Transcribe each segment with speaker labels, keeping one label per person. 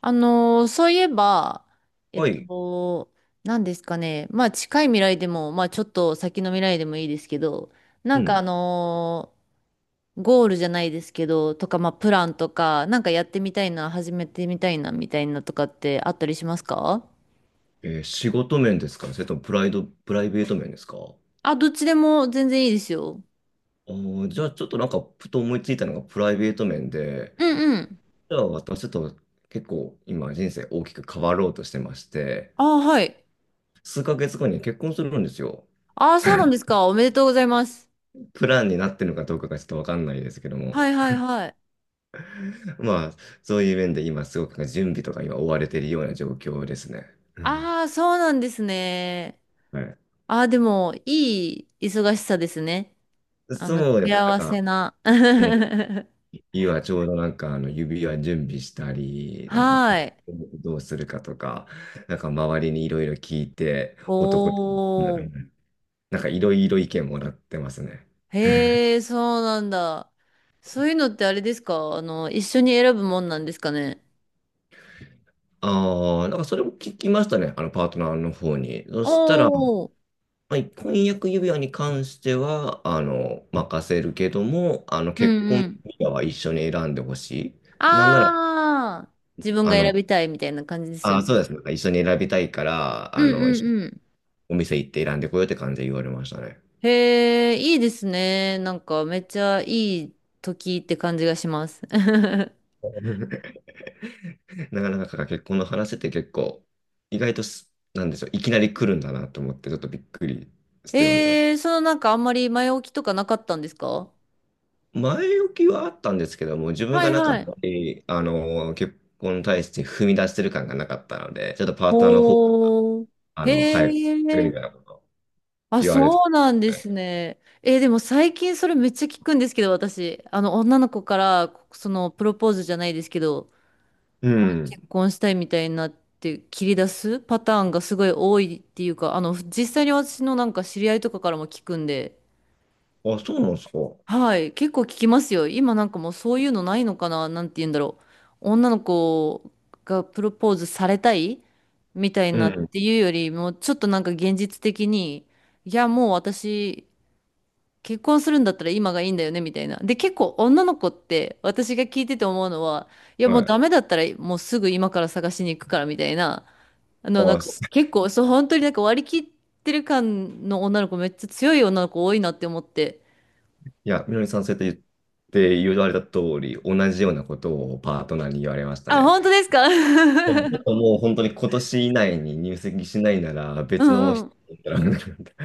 Speaker 1: そういえば、えっ
Speaker 2: はい。
Speaker 1: と、何ですかね。まあ近い未来でも、まあちょっと先の未来でもいいですけど、な
Speaker 2: う
Speaker 1: んか
Speaker 2: ん。
Speaker 1: ゴールじゃないですけど、とか、まあプランとか、なんかやってみたいな、始めてみたいな、みたいなとかってあったりしますか？
Speaker 2: 仕事面ですか？それともプライド、プライベート面ですか？
Speaker 1: あ、どっちでも全然いいですよ。
Speaker 2: じゃあちょっとなんか、ふと思いついたのがプライベート面で、
Speaker 1: うんうん。
Speaker 2: じゃあ私ちょっと、結構今人生大きく変わろうとしてまして、
Speaker 1: ああ、はい。
Speaker 2: 数ヶ月後に結婚するんですよ。
Speaker 1: ああ、そうなんですか。おめでとうございます。
Speaker 2: プランになってるのかどうかがちょっとわかんないですけども、
Speaker 1: はいはいはい。
Speaker 2: まあ、そういう面で今すごく準備とか今追われているような状況ですね。うん。
Speaker 1: ああ、そうなんですね。
Speaker 2: はい。
Speaker 1: ああ、でも、いい忙しさですね。あの、
Speaker 2: そうですね。なん
Speaker 1: 幸
Speaker 2: か、
Speaker 1: せな。
Speaker 2: うん、 今ちょうどなんか指輪準備したり、なんかポ
Speaker 1: は
Speaker 2: ケ
Speaker 1: い。
Speaker 2: モどうするかとか、なんか周りにいろいろ聞いて、男って、
Speaker 1: おー。
Speaker 2: なんかいろいろ意見もらってますね。
Speaker 1: へえ、そうなんだ。そういうのってあれですか？あの、一緒に選ぶもんなんですかね？
Speaker 2: ああ、なんかそれも聞きましたね、あのパートナーの方に。そしたら、
Speaker 1: おー。
Speaker 2: まあ婚約指輪に関しては、任せるけども、
Speaker 1: うん
Speaker 2: 結
Speaker 1: う
Speaker 2: 婚
Speaker 1: ん。
Speaker 2: 指輪は一緒に選んでほしい。なんなら、
Speaker 1: ああ、自分
Speaker 2: あ
Speaker 1: が選
Speaker 2: の、
Speaker 1: びたいみたいな感じですよ
Speaker 2: ああ、
Speaker 1: ね。
Speaker 2: そうですね。なんか一緒に選びたいから、
Speaker 1: うんう
Speaker 2: 一緒に
Speaker 1: んうん。
Speaker 2: お店行って選んでこようって感じで言われましたね。
Speaker 1: へえ、いいですね。なんかめっちゃいい時って感じがします。
Speaker 2: なかなか結婚の話って結構、意外とす、なんでしょう、いきなり来るんだなと思って、ちょっとびっくりしてますね。
Speaker 1: そのなんかあんまり前置きとかなかったんですか？
Speaker 2: 前置きはあったんですけども、自分
Speaker 1: は
Speaker 2: が
Speaker 1: い
Speaker 2: なんかあ
Speaker 1: は
Speaker 2: ん
Speaker 1: い。
Speaker 2: まり、結婚に対して踏み出してる感がなかったので、ちょっとパートナーの方、
Speaker 1: おー。へ
Speaker 2: 入るみたい
Speaker 1: え。
Speaker 2: なこと
Speaker 1: あ、
Speaker 2: 言われて、
Speaker 1: そうなんですね。でも最近それめっちゃ聞くんですけど、私。あの、女の子から、その、プロポーズじゃないですけど、
Speaker 2: うん。
Speaker 1: 結婚したいみたいになって切り出すパターンがすごい多いっていうか、あの、実際に私のなんか知り合いとかからも聞くんで、
Speaker 2: あ、そうなんですか。
Speaker 1: はい、結構聞きますよ。今なんかもうそういうのないのかな、なんて言うんだろう。女の子がプロポーズされたいみたい
Speaker 2: う
Speaker 1: なっ
Speaker 2: ん。
Speaker 1: ていうよりも、ちょっとなんか現実的に、いや、もう私、結婚するんだったら今がいいんだよね、みたいな。で、結構女の子って、私が聞いてて思うのは、いや、
Speaker 2: は
Speaker 1: もう
Speaker 2: い。
Speaker 1: ダメだったら、もうすぐ今から探しに行くから、みたいな。あの、なん
Speaker 2: あ、
Speaker 1: か、
Speaker 2: す
Speaker 1: 結構、そう、本当になんか割り切ってる感の女の子、めっちゃ強い女の子多いなって思って。
Speaker 2: いや、みのりさんそうやって言われた通り、同じようなことをパートナーに言われました
Speaker 1: あ、
Speaker 2: ね。
Speaker 1: 本当ですか？
Speaker 2: ち ょっともう本当に今年以内に入籍しないなら
Speaker 1: う
Speaker 2: 別の
Speaker 1: んう
Speaker 2: 人
Speaker 1: ん。
Speaker 2: に行ったら、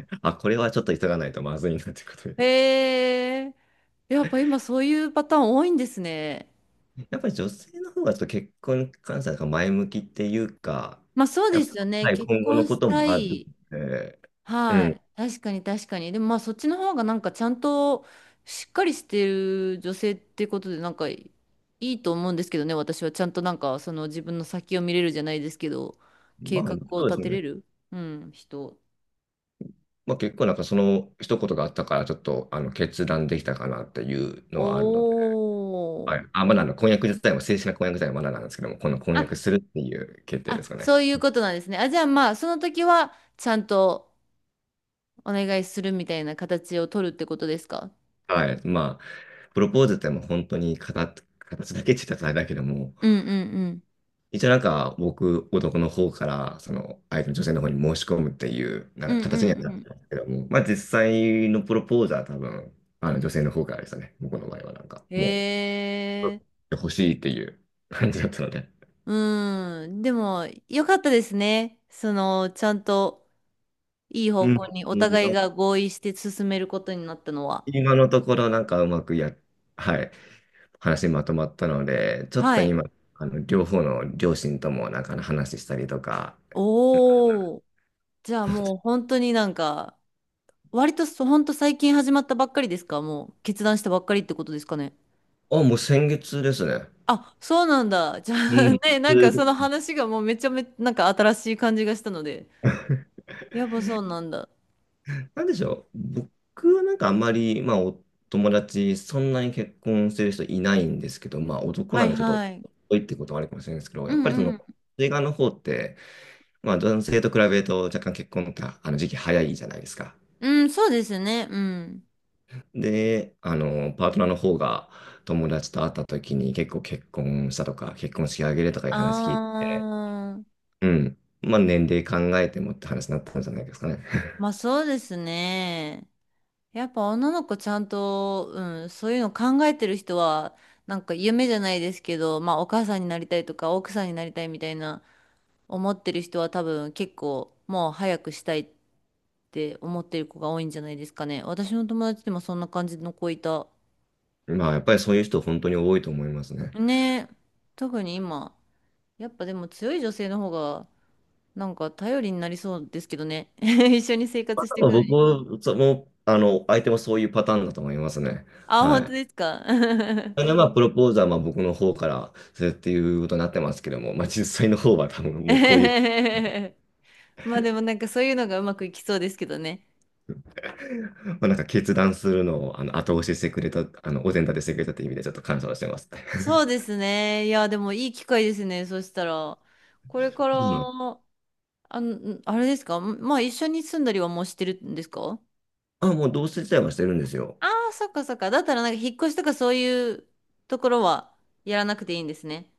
Speaker 2: あ、これはちょっと急がないとまずいなということで。
Speaker 1: へえ。やっぱ今そういうパターン多いんですね。
Speaker 2: やっぱり女性の方がちょっと結婚に関しては前向きっていうか、
Speaker 1: まあそう
Speaker 2: や
Speaker 1: で
Speaker 2: っ
Speaker 1: すよ
Speaker 2: ぱ、
Speaker 1: ね。
Speaker 2: はい、
Speaker 1: 結
Speaker 2: 今後
Speaker 1: 婚
Speaker 2: のこ
Speaker 1: し
Speaker 2: と
Speaker 1: た
Speaker 2: もある
Speaker 1: い。
Speaker 2: ので、う
Speaker 1: は
Speaker 2: ん、
Speaker 1: い。確かに確かに。でもまあそっちの方がなんかちゃんとしっかりしてる女性ってことでなんかいいと思うんですけどね。私はちゃんとなんかその自分の先を見れるじゃないですけど、
Speaker 2: ま
Speaker 1: 計
Speaker 2: あ
Speaker 1: 画を
Speaker 2: そうです
Speaker 1: 立てれ
Speaker 2: ね。
Speaker 1: る、うん、人。
Speaker 2: まあ結構なんかその一言があったから、ちょっと決断できたかなっていうのはあるので、
Speaker 1: お
Speaker 2: は
Speaker 1: ー。
Speaker 2: い。あ、まだ婚約自体も、正式な婚約自体はまだなんですけども、この婚約
Speaker 1: あ、
Speaker 2: するっていう決定
Speaker 1: あ、
Speaker 2: ですかね。
Speaker 1: そういうことなんですね。あ、じゃあまあ、その時は、ちゃんとお願いするみたいな形を取るってことですか？
Speaker 2: はい。まあ、プロポーズってもう本当に形だけって言ったらあれだけども、
Speaker 1: うんうんうん。
Speaker 2: 一応なんか僕、男の方から、その相手の女性の方に申し込むっていう、なん
Speaker 1: う
Speaker 2: か
Speaker 1: んう
Speaker 2: 形にはな
Speaker 1: ん
Speaker 2: っ
Speaker 1: う
Speaker 2: てますけども、まあ実際のプロポーズは多分、あの女性の方からでしたね。僕の場合はなんか、
Speaker 1: ん。
Speaker 2: も
Speaker 1: へ
Speaker 2: う、
Speaker 1: え。
Speaker 2: 欲しいっていう感じだったので。
Speaker 1: うん。でも、よかったですね。その、ちゃんといい
Speaker 2: う
Speaker 1: 方
Speaker 2: ん。う
Speaker 1: 向にお互い
Speaker 2: ん、
Speaker 1: が合意して進めることになったのは。
Speaker 2: 今のところなんかうまくや、はい、話まとまったので、ちょっ
Speaker 1: は
Speaker 2: と
Speaker 1: い。
Speaker 2: 今、両方の両親ともなんか話したりとか、
Speaker 1: おお。じゃあもう本当になんか、割と本当最近始まったばっかりですか？もう決断したばっかりってことですかね。
Speaker 2: あ、もう先月ですね。
Speaker 1: あ、そうなんだ。じゃ
Speaker 2: う
Speaker 1: あ
Speaker 2: ん。
Speaker 1: ね、なんかその話がもうめちゃめちゃなんか新しい感じがしたので。やっぱそうなんだ。
Speaker 2: なんでしょう。僕はなんかあんまり、まあ、お友達、そんなに結婚してる人いないんですけど、まあ、男
Speaker 1: は
Speaker 2: な
Speaker 1: い
Speaker 2: んでちょっと、
Speaker 1: はい。
Speaker 2: 多いってことはあるかもしれないですけど、
Speaker 1: う
Speaker 2: やっぱりそ
Speaker 1: んう
Speaker 2: の、
Speaker 1: ん。
Speaker 2: 映画の方って、まあ、男性と比べると若干結婚っあの時期早いじゃないですか。
Speaker 1: うん、そうですね。うん。
Speaker 2: で、パートナーの方が友達と会った時に結構結婚したとか、結婚式挙げるとかいう
Speaker 1: あ
Speaker 2: 話聞いて、
Speaker 1: ー、
Speaker 2: うん。まあ、年齢考えてもって話になったんじゃないですかね。
Speaker 1: まあそうですね。やっぱ女の子ちゃんと、うん、そういうの考えてる人は、なんか夢じゃないですけど、まあお母さんになりたいとか奥さんになりたいみたいな思ってる人は多分結構もう早くしたいって思ってる子が多いんじゃないですかね。私の友達でもそんな感じの子いた。
Speaker 2: まあ、やっぱりそういう人本当に多いと思いますね。
Speaker 1: ねえ、特に今、やっぱでも強い女性の方がなんか頼りになりそうですけどね。一緒に生活していくの
Speaker 2: 僕
Speaker 1: に。
Speaker 2: も、その、相手もそういうパターンだと思いますね。
Speaker 1: あ、本
Speaker 2: は
Speaker 1: 当
Speaker 2: い。
Speaker 1: ですか。
Speaker 2: で、ま あ、プロポーズは、まあ、僕の方からするっていうことになってますけども、まあ、実際の方は多分
Speaker 1: えへ
Speaker 2: もうこういう、
Speaker 1: へへまあでもなんかそういうのがうまくいきそうですけどね。
Speaker 2: まあ、なんか決断するのを、後押ししてくれた、お膳立てしてくれたっていう意味でちょっと感謝をしてます。
Speaker 1: そうですね。いや、でもいい機会ですね。そしたら、これ
Speaker 2: う
Speaker 1: から、
Speaker 2: ん。
Speaker 1: あの、あれですか？まあ一緒に住んだりはもうしてるんですか？
Speaker 2: あ、もう同棲自体はしてるんですよ。
Speaker 1: ああ、そっかそっか。だったらなんか引っ越しとかそういうところはやらなくていいんですね。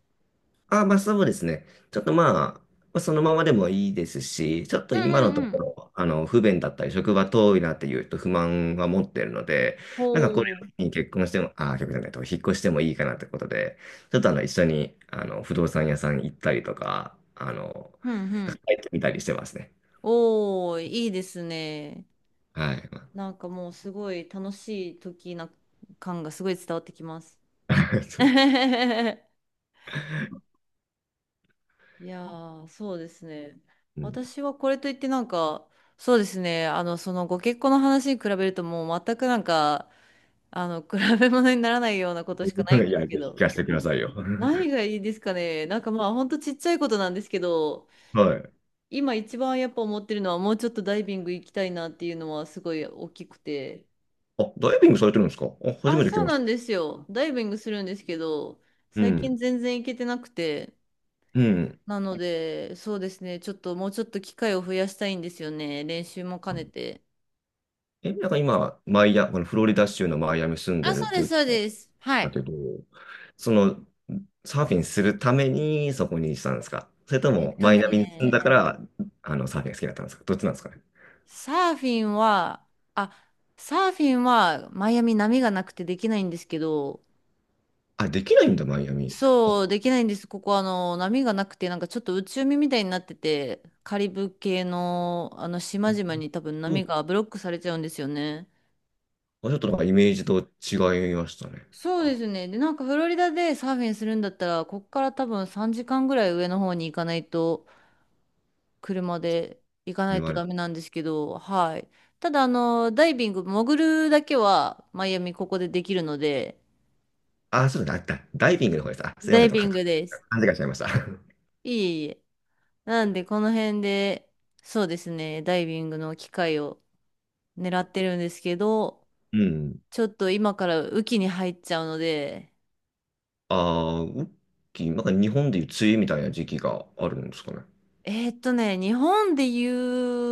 Speaker 2: あ、まあそうですね。ちょっとまあ、そのままでもいいですし、ちょっと
Speaker 1: うん
Speaker 2: 今
Speaker 1: う
Speaker 2: のと
Speaker 1: んう
Speaker 2: こ
Speaker 1: ん。
Speaker 2: ろ、不便だったり、職場遠いなっていうと不満は持ってるので、
Speaker 1: お
Speaker 2: なんかこれ
Speaker 1: ー。
Speaker 2: に結婚しても、あ、結婚じゃないと、引っ越してもいいかなってことで、ちょっと一緒に、不動産屋さん行ったりとか、
Speaker 1: うんうん。
Speaker 2: 入ってみたりしてますね。
Speaker 1: おー、いいですね。
Speaker 2: はい。
Speaker 1: なんかもうすごい楽しい時な感がすごい伝わってきます。
Speaker 2: そうです、
Speaker 1: いやー、そうですね。
Speaker 2: うん。
Speaker 1: 私はこれといってなんか、そうですね。あの、そのご結婚の話に比べるともう全くなんか、あの、比べ物にならないようなことしかないん
Speaker 2: い
Speaker 1: です
Speaker 2: や、
Speaker 1: け
Speaker 2: ぜひ聞
Speaker 1: ど。
Speaker 2: かせてくださいよ。
Speaker 1: 何がいいですかね。なんかまあほんとちっちゃいことなんですけど、
Speaker 2: はい。
Speaker 1: 今一番やっぱ思ってるのはもうちょっとダイビング行きたいなっていうのはすごい大きくて。
Speaker 2: あ、ダイビングされてるんですか？あ、初
Speaker 1: あ、
Speaker 2: めて聞き
Speaker 1: そう
Speaker 2: まし
Speaker 1: な
Speaker 2: た。
Speaker 1: んですよ。ダイビングするんですけど、
Speaker 2: う
Speaker 1: 最近
Speaker 2: ん。
Speaker 1: 全然行けてなくて。
Speaker 2: うん。
Speaker 1: なので、そうですね。ちょっともうちょっと機会を増やしたいんですよね。練習も兼ねて。
Speaker 2: え、なんか今、マイア、このフロリダ州のマイアミ住ん
Speaker 1: あ、
Speaker 2: で
Speaker 1: そ
Speaker 2: るっ
Speaker 1: う
Speaker 2: て
Speaker 1: で
Speaker 2: い
Speaker 1: す、
Speaker 2: う
Speaker 1: そう
Speaker 2: こ
Speaker 1: です。は
Speaker 2: と
Speaker 1: い。
Speaker 2: だけど、その、サーフィンするためにそこにしたんですか？それと
Speaker 1: えっ
Speaker 2: も、
Speaker 1: と
Speaker 2: マイアミに住んだ
Speaker 1: ね、
Speaker 2: から、サーフィンが好きだったんですか？どっちなんですかね？
Speaker 1: サーフィンは、あ、サーフィンはマイアミ波がなくてできないんですけど、
Speaker 2: あ、できないんだ、マイアミ。あ、
Speaker 1: そう、できないんです。ここ、あの、波がなくて、なんかちょっと内海みたいになってて、カリブ系の、あの、島々に多分
Speaker 2: そ
Speaker 1: 波
Speaker 2: う、
Speaker 1: がブロックされちゃうんですよね。
Speaker 2: あ、ちょっとなんかイメージと違いましたね。
Speaker 1: そうで
Speaker 2: あ、
Speaker 1: すね。で、なんかフロリダでサーフィンするんだったら、こっから多分3時間ぐらい上の方に行かないと、車で行かな
Speaker 2: で
Speaker 1: い
Speaker 2: も
Speaker 1: と
Speaker 2: あれ。
Speaker 1: ダメなんですけど、はい。ただ、あの、ダイビング、潜るだけは、マイアミここでできるので、
Speaker 2: あ、そうだ、ダイビングの方です。あ、すいま
Speaker 1: ダ
Speaker 2: せ
Speaker 1: イ
Speaker 2: ん、と
Speaker 1: ビ
Speaker 2: か、
Speaker 1: ングです。
Speaker 2: 勘違いしちゃいました。
Speaker 1: いえいえ。なんで、この辺で、そうですね、ダイビングの機会を狙ってるんですけど、
Speaker 2: うん。
Speaker 1: ちょっと今から雨季に入っちゃうので、
Speaker 2: ああ、ウッキー、なんか日本でいう梅雨みたいな時期があるんですかね。
Speaker 1: 日本で言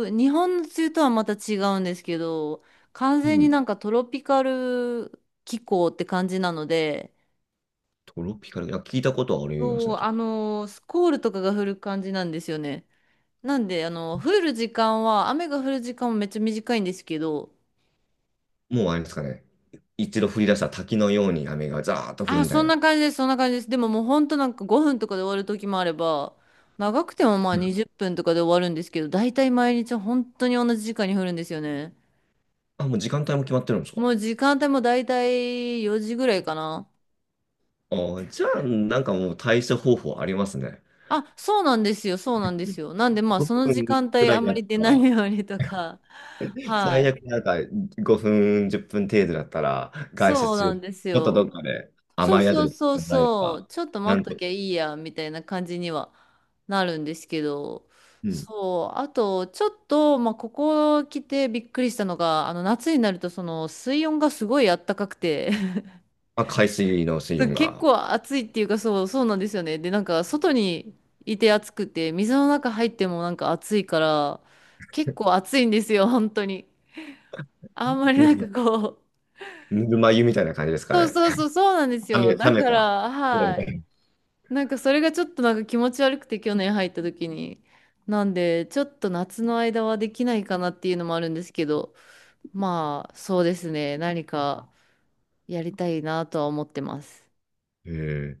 Speaker 1: う、日本の梅雨とはまた違うんですけど、完
Speaker 2: う
Speaker 1: 全に
Speaker 2: ん。
Speaker 1: なんかトロピカル気候って感じなので、
Speaker 2: トロピカル、いや、聞いたことはあります
Speaker 1: そう、
Speaker 2: ね。と、
Speaker 1: スコールとかが降る感じなんですよね。なんで、あの、降る時間は、雨が降る時間もめっちゃ短いんですけど、
Speaker 2: もうあれですかね。一度降り出した滝のように雨がザーッと降る
Speaker 1: あ、
Speaker 2: みた
Speaker 1: そ
Speaker 2: い
Speaker 1: ん
Speaker 2: な。
Speaker 1: な感じです、そんな感じです。でももうほんとなんか5分とかで終わる時もあれば、長くてもまあ
Speaker 2: うん。
Speaker 1: 20分とかで終わるんですけど、大体毎日本当に同じ時間に降るんですよね。
Speaker 2: あ、もう時間帯も決まってるんですか？
Speaker 1: もう時間帯も大体4時ぐらいかな。
Speaker 2: じゃあ、なんかもう対処方法ありますね。
Speaker 1: あ、そうなんですよ、そうなんですよ。なんでまあその
Speaker 2: 5
Speaker 1: 時
Speaker 2: 分
Speaker 1: 間
Speaker 2: く
Speaker 1: 帯
Speaker 2: ら
Speaker 1: あ
Speaker 2: い
Speaker 1: んま
Speaker 2: だっ
Speaker 1: り出
Speaker 2: た
Speaker 1: ない
Speaker 2: ら、
Speaker 1: ようにとか、は
Speaker 2: 最
Speaker 1: い。
Speaker 2: 悪なんか5分、10分程度だったら、外出
Speaker 1: そう
Speaker 2: 中、
Speaker 1: なん
Speaker 2: ち
Speaker 1: です
Speaker 2: ょっとどっ
Speaker 1: よ。
Speaker 2: かで
Speaker 1: そう
Speaker 2: 甘い宿
Speaker 1: そう
Speaker 2: り行っ
Speaker 1: そう
Speaker 2: てもらえれ
Speaker 1: そ
Speaker 2: ば、
Speaker 1: う、ちょっと
Speaker 2: な
Speaker 1: 待っ
Speaker 2: ん
Speaker 1: と
Speaker 2: と、
Speaker 1: きゃいいや、みたいな感じにはなるんですけど、
Speaker 2: うん。
Speaker 1: そう、あと、ちょっと、まあ、ここ来てびっくりしたのが、あの、夏になると、その、水温がすごいあったかくて、
Speaker 2: まあ、海水の水
Speaker 1: そう
Speaker 2: 温
Speaker 1: 結
Speaker 2: が、
Speaker 1: 構暑いっていうか、そう、そうなんですよね。で、なんか、外にいて暑くて、水の中入ってもなんか暑いから、結構暑いんですよ、本当に。あんまりなんか
Speaker 2: も
Speaker 1: こう、
Speaker 2: うぬるま湯みたいな感じです か
Speaker 1: そう
Speaker 2: ね。
Speaker 1: そうそう、そうなんですよ。
Speaker 2: 冷
Speaker 1: だ
Speaker 2: め
Speaker 1: か
Speaker 2: た。
Speaker 1: ら、はい。なんかそれがちょっとなんか気持ち悪くて去年入った時に。なんで、ちょっと夏の間はできないかなっていうのもあるんですけど、まあそうですね、何かやりたいなとは思ってます。
Speaker 2: ええ、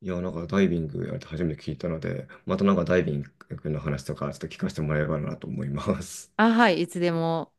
Speaker 2: いや、なんかダイビングやるって初めて聞いたので、またなんかダイビングの話とかちょっと聞かせてもらえればなと思います。
Speaker 1: あ、はい、いつでも。